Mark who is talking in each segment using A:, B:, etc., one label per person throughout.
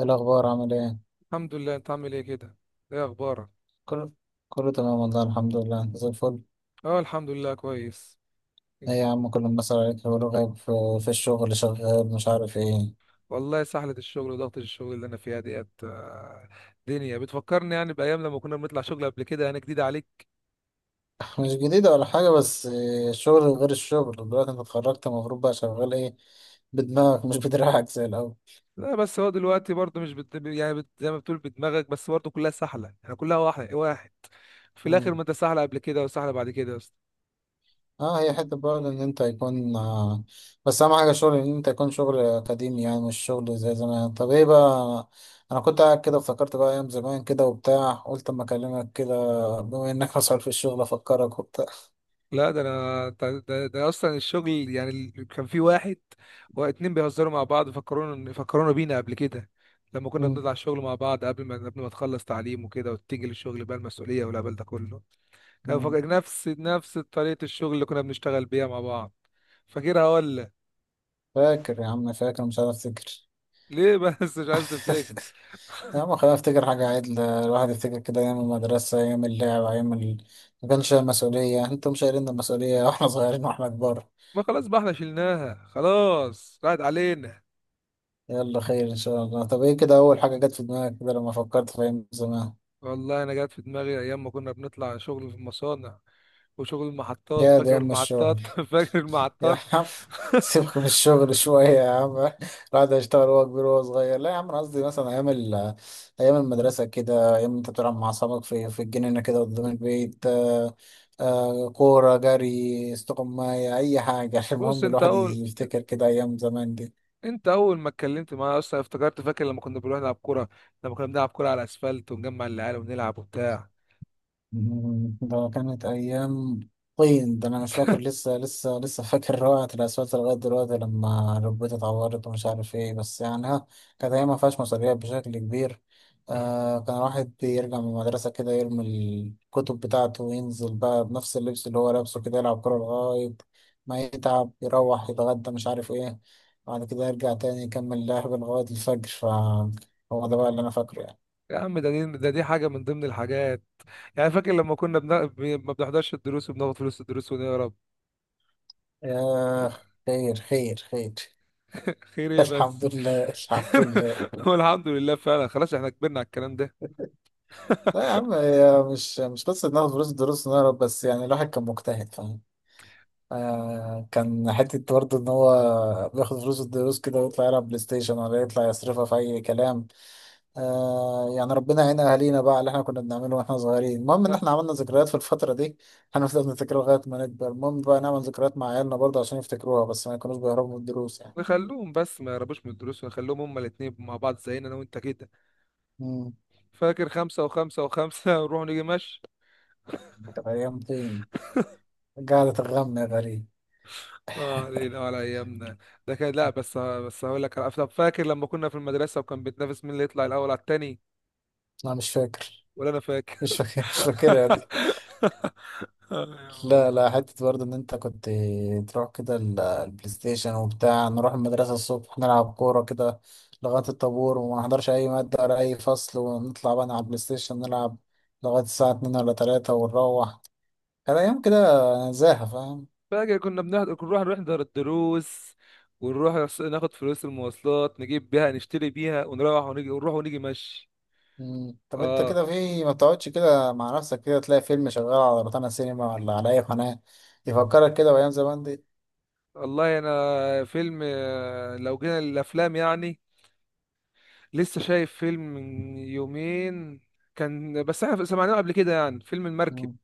A: إيه الأخبار عامل إيه؟
B: الحمد لله. انت عامل ايه كده؟ ايه اخبارك؟
A: كله كله تمام والله، الحمد لله. أنت زي الفل.
B: اه، الحمد لله كويس.
A: إيه يا عم، كل الناس عليك يقولوا غايب في الشغل، شغال مش عارف إيه.
B: والله سحلة الشغل وضغط الشغل اللي انا فيها ديت، دنيا بتفكرني يعني بايام لما كنا بنطلع شغل قبل كده، يعني جديدة عليك.
A: مش جديدة ولا حاجة بس إيه، الشغل غير الشغل دلوقتي. أنت اتخرجت، المفروض بقى شغال إيه بدماغك مش بدراعك زي الأول.
B: لا، بس هو دلوقتي برضه مش بت... يعني بت... زي ما بتقول بدماغك، بس برضه كلها سحلة يعني، كلها واحد واحد في الاخر. ما
A: مم.
B: انت سحلة قبل كده وسحلة بعد كده.
A: اه، هي حتة برضه إن أنت يكون بس أهم حاجة شغل، إن أنت يكون شغل أكاديمي يعني مش شغل زي زمان. طب إيه بقى، أنا كنت قاعد كده افتكرت بقى أيام زمان كده وبتاع، قلت أما أكلمك كده بما إنك مسؤول في الشغل أفكرك وبتاع.
B: لا، ده انا ده, ده ده اصلا الشغل يعني، كان في واحد واتنين بيهزروا مع بعض، فكرونا بينا قبل كده لما كنا
A: مم.
B: بنطلع الشغل مع بعض قبل ما تخلص تعليم وكده وتيجي للشغل، بقى المسؤوليه والهبل ده كله. كان
A: مم.
B: فاكر نفس طريقه الشغل اللي كنا بنشتغل بيها مع بعض. فاكرها ولا؟
A: فاكر يا عم، فاكر مش عارف افتكر.
B: ليه بس مش عايز تفتكر؟
A: يا عم، خلينا افتكر حاجة عدلة، الواحد يفتكر كده أيام المدرسة، أيام اللعب، ما كانش شايل مسؤولية، انتوا مش شايلين المسؤولية واحنا صغيرين واحنا كبار.
B: ما خلاص بقى، احنا شلناها خلاص راحت علينا.
A: يلا خير إن شاء الله. طب ايه كده أول حاجة جت في دماغك كده لما فكرت في أيام زمان؟
B: والله انا جات في دماغي ايام ما كنا بنطلع شغل في المصانع وشغل المحطات.
A: يا دي
B: فاكر
A: أم الشغل
B: المحطات؟ فاكر
A: يا
B: المحطات؟
A: عم، سيبك من الشغل شوية يا عم، الواحد هيشتغل وهو كبير وهو صغير. لا يا عم، أنا قصدي مثلا أيام المدرسة كده، أيام أنت بتلعب مع أصحابك في الجنينة كده قدام البيت. كورة، جري، استقماية، أي حاجة
B: بص،
A: المهم
B: انت
A: الواحد
B: اول
A: يفتكر كده أيام زمان دي.
B: انت اول ما اتكلمت معايا اصلا افتكرت. فاكر لما كنا بنروح نلعب كوره؟ لما كنا بنلعب كوره على الاسفلت ونجمع العيال ونلعب وبتاع.
A: ده كانت أيام طين. ده أنا مش فاكر، لسه لسه لسه فاكر روعة الأسفلت لغاية دلوقتي، لما ركبتي اتعورت ومش عارف إيه بس يعني ها. كانت أيام ما فيهاش مسؤوليات بشكل كبير. آه كان الواحد بيرجع من المدرسة كده، يرمي الكتب بتاعته وينزل بقى بنفس اللبس اللي هو لابسه كده، يلعب كورة لغاية ما يتعب، يروح يتغدى مش عارف إيه، بعد كده يرجع تاني يكمل لعب لغاية الفجر. فهو ده بقى اللي أنا فاكره يعني.
B: يا عم، ده دي ده دي حاجه من ضمن الحاجات. يعني فاكر لما ما بنحضرش الدروس وبناخد فلوس الدروس ونهرب؟
A: آه، خير خير خير.
B: خير ايه
A: الحمد
B: بس؟
A: لله، الحمد لله.
B: والحمد لله فعلا، خلاص احنا كبرنا على الكلام ده.
A: لا يا عم، هي مش قصة ناخد فلوس الدروس ونهرب بس، يعني الواحد كان مجتهد فاهم. آه كان حتة برضه إن هو بياخد فلوس الدروس كده ويطلع يلعب بلاي ستيشن، ولا يطلع يصرفها في أي كلام. آه يعني ربنا يعين أهالينا بقى على اللي إحنا كنا بنعمله وإحنا صغيرين. المهم إن
B: خ-
A: إحنا عملنا ذكريات في الفترة دي، هنفضل نفتكرها لغاية ما نكبر. المهم بقى نعمل ذكريات مع عيالنا برضه عشان يفتكروها، بس ما يكونوش بيهربوا من الدروس يعني.
B: نخلوهم بس ما يهربوش من الدروس، ونخليهم هما الاتنين مع بعض زينا انا وانت كده.
A: مم.
B: فاكر خمسة وخمسة وخمسة؟ ونروح نيجي مشي.
A: طب أيام فين؟ قعدة الغم يا غريب.
B: اه، علينا وعلى ايامنا. ده كان لا بس هقول لك على، طب فاكر لما كنا في المدرسة وكان بيتنافس مين اللي يطلع الاول على التاني؟
A: أنا مش فاكر،
B: ولا انا
A: مش
B: فاكر.
A: فاكر، مش فاكرها دي.
B: أيوة.
A: لا لا، حتة برضه إن أنت كنت تروح كده البلاي ستيشن وبتاع. نروح المدرسة الصبح نلعب كورة كده لغاية الطابور، وما نحضرش أي مادة ولا أي فصل، ونطلع بقى على البلاي ستيشن نلعب لغاية الساعة اتنين ولا تلاتة ونروح. كان أيام كده زاهة فاهم.
B: فاكر كنا بنحضر، كنا نروح نحضر الدروس، ناخد فلوس المواصلات نجيب بيها نشتري بيها، ونروح ونيجي ونروح ونيجي مشي.
A: مم. طب أنت
B: اه
A: كده في ما بتقعدش كده مع نفسك كده تلاقي فيلم شغال على روتانا سينما ولا على أي قناة يفكرك كده بأيام زمان دي؟
B: والله انا فيلم، لو جينا للافلام يعني، لسه شايف فيلم من يومين. كان بس احنا سمعناه قبل كده يعني، فيلم المركب.
A: مم.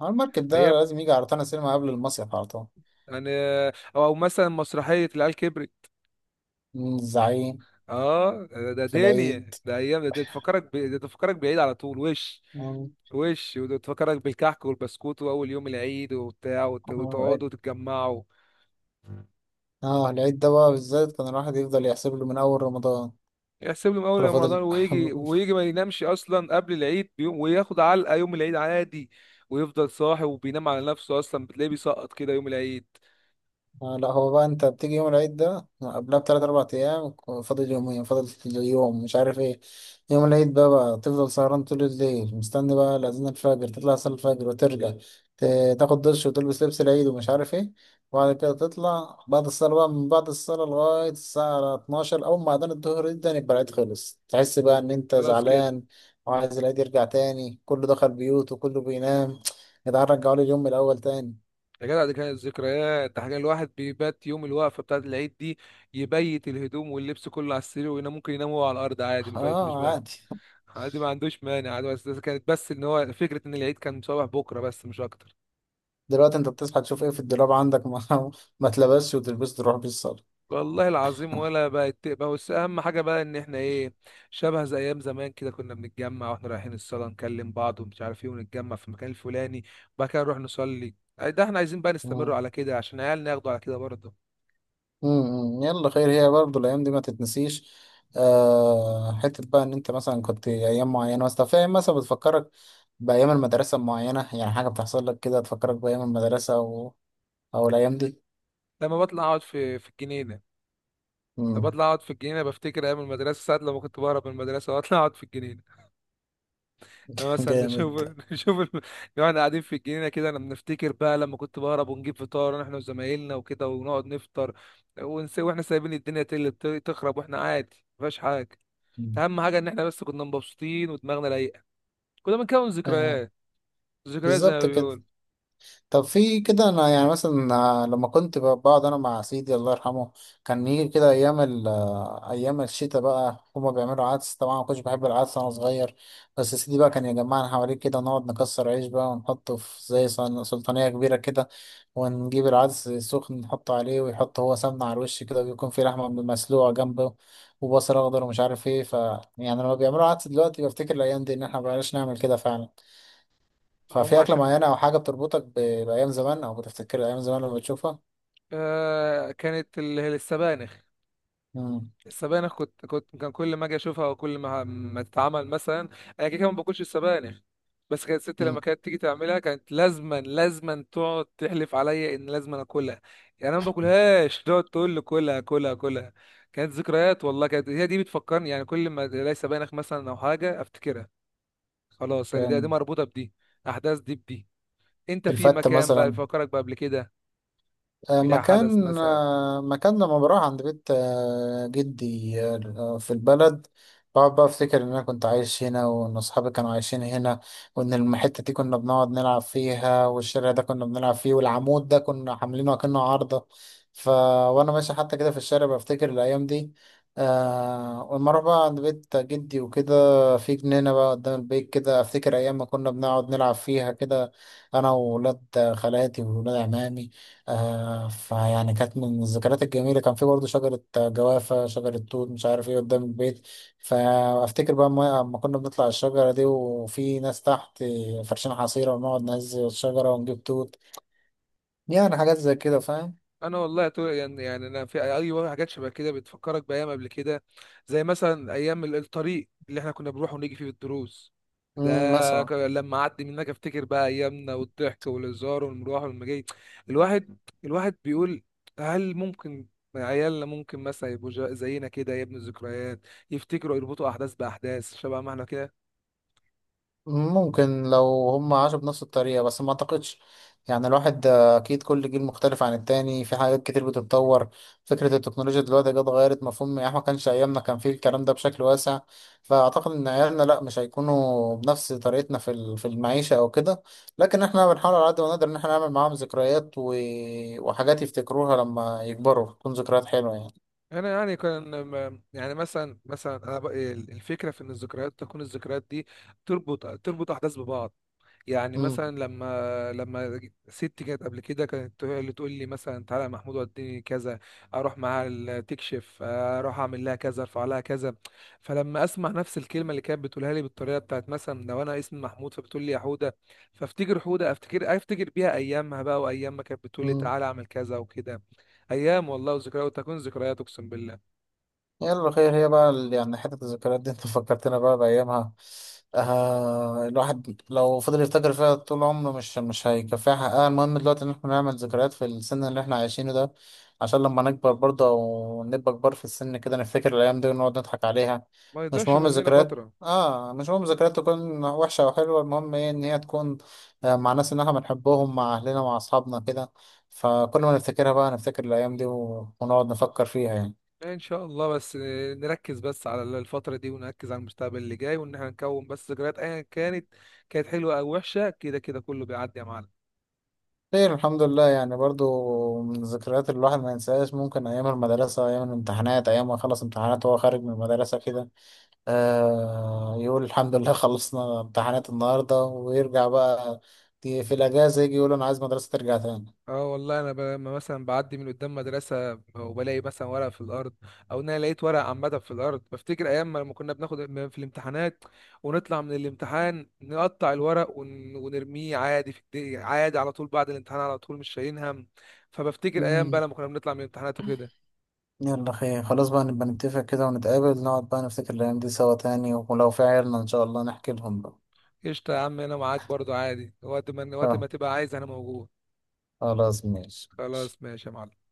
A: على المركب ده
B: ايام
A: لازم يجي على روتانا سينما قبل المصيف على طول.
B: يعني. او أو مثلا مسرحية العيال كبرت.
A: الزعيم
B: اه، ده
A: في العيد.
B: دنيا، ده ايام، ده تفكرك بعيد على طول. وش
A: اه
B: وش وده تفكرك بالكحك والبسكوت واول يوم العيد وبتاع، وتقعدوا وتتجمعوا.
A: العيد ده بقى بالذات كان الواحد يفضل يحسب له من أول رمضان.
B: يحسب لهم اول
A: كان
B: يوم
A: فاضل
B: رمضان، ويجي ويجي ما ينامش اصلا قبل العيد بيوم، وياخد علقة يوم العيد عادي. ويفضل صاحي وبينام على نفسه، اصلا بتلاقيه بيسقط كده يوم العيد.
A: آه لا، هو بقى انت بتيجي يوم العيد ده قبلها بتلات اربع ايام، فاضل يومين، فاضل اليوم مش عارف ايه. يوم العيد ده بقى تفضل سهران طول الليل مستني بقى لأذان الفجر، تطلع صلاة الفجر وترجع تاخد دش وتلبس لبس العيد ومش عارف ايه. وبعد كده تطلع بعد الصلاة، بقى من بعد الصلاة لغاية الساعة 12 أول ما أذان الظهر يبدأ، يبقى العيد خلص. تحس بقى إن أنت
B: خلاص كده.
A: زعلان وعايز العيد يرجع تاني، كله دخل بيوته كله بينام. يا جدعان رجعوا لي اليوم من الأول تاني.
B: يا جدع، دي كانت ذكريات. ده حاجة الواحد بيبات يوم الوقفة بتاعة العيد دي، يبيت الهدوم واللبس كله على السرير وينام. ممكن ينام هو على الأرض عادي، ما فيهاش مش
A: اه
B: مانع.
A: عادي.
B: عادي ما عندوش مانع عادي. بس كانت بس إن هو فكرة إن العيد كان صباح بكرة بس مش أكتر.
A: دلوقتي انت بتصحى تشوف ايه في الدولاب عندك ما, ما تلبسش وتلبس تروح بيه الصالة.
B: والله العظيم ولا بقت بقى، بس أهم حاجة بقى إن إحنا إيه، شبه زي أيام زمان كده، كنا بنتجمع وإحنا رايحين الصلاة نكلم بعض ومش عارف إيه، ونتجمع في المكان الفلاني وبعد كده نروح نصلي. ده إحنا عايزين بقى نستمر
A: مم.
B: على كده عشان عيالنا ياخدوا على كده برضه.
A: مم. يلا خير، هي برضه الايام دي ما تتنسيش. آه حته بقى ان انت مثلا كنت ايام معينه، بس فاهم مثلا بتفكرك بايام المدرسه معينه، يعني حاجه بتحصل لك كده تفكرك بايام المدرسه او الايام دي.
B: لما بطلع أقعد في الجنينة.
A: مم.
B: بطلع اقعد في الجنينه بفتكر ايام المدرسه، ساعات لما كنت بهرب من المدرسه واطلع اقعد في الجنينه. أنا مثلا نشوف،
A: جامد.
B: نشوف ال... واحنا قاعدين في الجنينه كده، لما بنفتكر بقى لما كنت بهرب ونجيب فطار احنا وزمايلنا وكده ونقعد نفطر. ونسي واحنا سايبين الدنيا تقل تخرب، واحنا عادي مفيهاش حاجه.
A: مم.
B: اهم حاجه ان احنا بس كنا مبسوطين ودماغنا رايقه. كنا بنكون
A: آه
B: ذكريات، ذكريات زي ما
A: بالظبط كده.
B: بيقول.
A: طب في كده انا يعني مثلا آه، لما كنت بقعد انا مع سيدي الله يرحمه، كان يجي كده ايام ال آه، ايام الشتاء، بقى هما بيعملوا عدس. طبعا ما كنتش بحب العدس وانا صغير، بس سيدي بقى كان يجمعنا حواليه كده، نقعد نكسر عيش بقى ونحطه في زي سلطانية كبيرة كده، ونجيب العدس سخن نحطه عليه، ويحط هو سمنة على الوش كده، ويكون في لحمة مسلوقة جنبه وبصل اخضر ومش عارف ايه، ف يعني لما بيعملوا عدس دلوقتي بفتكر الايام دي، ان احنا مبقناش نعمل كده فعلا.
B: هم
A: ففي أكلة
B: عشان،
A: معينة أو حاجة بتربطك بأيام زمان، أو بتفتكر أيام زمان لما بتشوفها؟
B: آه كانت السبانخ.
A: مم.
B: السبانخ كنت كنت كان كل ما اجي اشوفها وكل ما تتعمل مثلا، انا كده كده ما باكلش السبانخ، بس كانت ستي لما
A: مم.
B: كانت تيجي تعملها كانت لازما لازما تقعد تحلف عليا ان لازما اكلها. يعني انا ما باكلهاش تقعد تقول لي كلها كلها كلها. كانت ذكريات والله، كانت هي دي بتفكرني يعني. كل ما الاقي سبانخ مثلا او حاجه افتكرها، خلاص يعني دي
A: كان
B: مربوطه بدي، احداث دي بدي. انت في
A: الفتة
B: مكان بقى
A: مثلا.
B: بيفكرك بقى قبل كده، في حدث
A: مكان،
B: مثلا.
A: مكان لما بروح عند بيت جدي في البلد، بقعد بقى افتكر ان انا كنت عايش هنا، وان اصحابي كانوا عايشين هنا، وان الحته دي كنا بنقعد نلعب فيها، والشارع ده كنا بنلعب فيه، والعمود ده كنا عاملينه اكنه عارضه. ف وانا ماشي حتى كده في الشارع بفتكر الايام دي. آه ولما اروح بقى عند بيت جدي وكده في جنينه بقى قدام البيت كده، افتكر ايام ما كنا بنقعد نلعب فيها كده انا وولاد خالاتي وولاد عمامي. فيعني كانت من الذكريات الجميلة، كان في برضه شجرة جوافة، شجرة توت مش عارف ايه قدام البيت. فأفتكر بقى أما كنا بنطلع الشجرة دي، وفي ناس تحت فرشين حصيرة ونقعد نهز الشجرة ونجيب توت. يعني حاجات زي كده فاهم.
B: يعني انا في اي، أي حاجات شبه كده بتفكرك بايام قبل كده، زي مثلا ايام الطريق اللي احنا كنا بنروح ونيجي فيه بالدروس.
A: مثلا
B: لما اعدي منك افتكر بقى ايامنا والضحك والهزار والمروح والمجاي. الواحد الواحد بيقول هل ممكن عيالنا ممكن مثلا يبقوا زينا كده يا ابن الذكريات؟ يفتكروا يربطوا احداث باحداث شبه ما احنا كده.
A: ممكن لو هم عاشوا بنفس الطريقة، بس ما اعتقدش. يعني الواحد اكيد كل جيل مختلف عن التاني في حاجات كتير بتتطور. فكرة التكنولوجيا دلوقتي جت غيرت مفهوم، يعني إحنا ما كانش ايامنا كان فيه الكلام ده بشكل واسع. فاعتقد ان عيالنا لا، مش هيكونوا بنفس طريقتنا في في المعيشة او كده. لكن احنا بنحاول على قد ما نقدر ان احنا نعمل معاهم ذكريات وحاجات يفتكروها لما يكبروا تكون ذكريات حلوة يعني.
B: انا يعني يعني مثلا الفكره في ان الذكريات تكون، الذكريات دي تربط احداث ببعض. يعني
A: امم.
B: مثلا لما ست كانت قبل كده كانت اللي تقول لي مثلا تعالى يا محمود وديني كذا، اروح معاها تكشف، اروح اعمل لها كذا ارفع لها كذا. فلما اسمع نفس الكلمه اللي كانت بتقولها لي بالطريقه بتاعت، مثلا لو انا اسمي محمود فبتقول لي يا حوده، فافتكر حوده، افتكر بيها ايامها بقى وايام ما كانت بتقول لي
A: امم.
B: تعالى اعمل كذا وكده. ايام والله وذكريات، وتكون ذكريات اقسم بالله.
A: يلا خير، هي بقى يعني حتة الذكريات دي انت فكرتنا بقى بأيامها. آه، الواحد لو فضل يفتكر فيها طول عمره مش هيكفيها حقها. المهم دلوقتي ان احنا نعمل ذكريات في السن اللي احنا عايشينه ده، عشان لما نكبر برضه او نبقى كبار في السن كده، نفتكر الأيام دي ونقعد نضحك عليها.
B: ما
A: مش
B: يضيعش
A: مهم
B: مننا
A: الذكريات،
B: فتره
A: اه مش مهم الذكريات تكون وحشة أو حلوة، المهم ايه؟ ان هي تكون آه، مع ناس ان احنا بنحبهم، مع أهلنا مع أصحابنا كده. فكل ما نفتكرها بقى نفتكر الأيام دي ونقعد نفكر فيها يعني.
B: يعني، ان شاء الله بس نركز بس على الفتره دي ونركز على المستقبل اللي جاي. وان احنا نكون بس ذكريات ايا كانت، كانت حلوه او وحشه، كده كده كله بيعدي يا معلم.
A: خير الحمد لله. يعني برضو من الذكريات اللي الواحد ما ينساهاش ممكن أيام المدرسة، أيام الامتحانات، أيام ما خلص امتحانات وهو خارج من المدرسة كده، آه يقول الحمد لله خلصنا امتحانات النهاردة، ويرجع بقى في الأجازة يجي يقول أنا عايز مدرسة ترجع تاني.
B: اه والله انا لما مثلا بعدي من قدام مدرسه وبلاقي مثلا ورق في الارض، او ان انا لقيت ورق عامه في الارض، بفتكر ايام ما لما كنا بناخد في الامتحانات، ونطلع من الامتحان نقطع الورق ونرميه عادي عادي على طول بعد الامتحان على طول، مش شايلين هم. فبفتكر ايام بقى
A: مم.
B: لما كنا بنطلع من الامتحانات وكده.
A: يلا خير، خلاص بقى نبقى نتفق كده ونتقابل، نقعد بقى نفتكر الأيام دي سوا تاني ولو في عيالنا إن شاء الله نحكي لهم بقى.
B: قشطه يا عم انا معاك برضو عادي، وقت ما
A: آه،
B: تبقى عايز انا موجود.
A: خلاص ماشي ماشي.
B: خلاص ماشي يا معلم.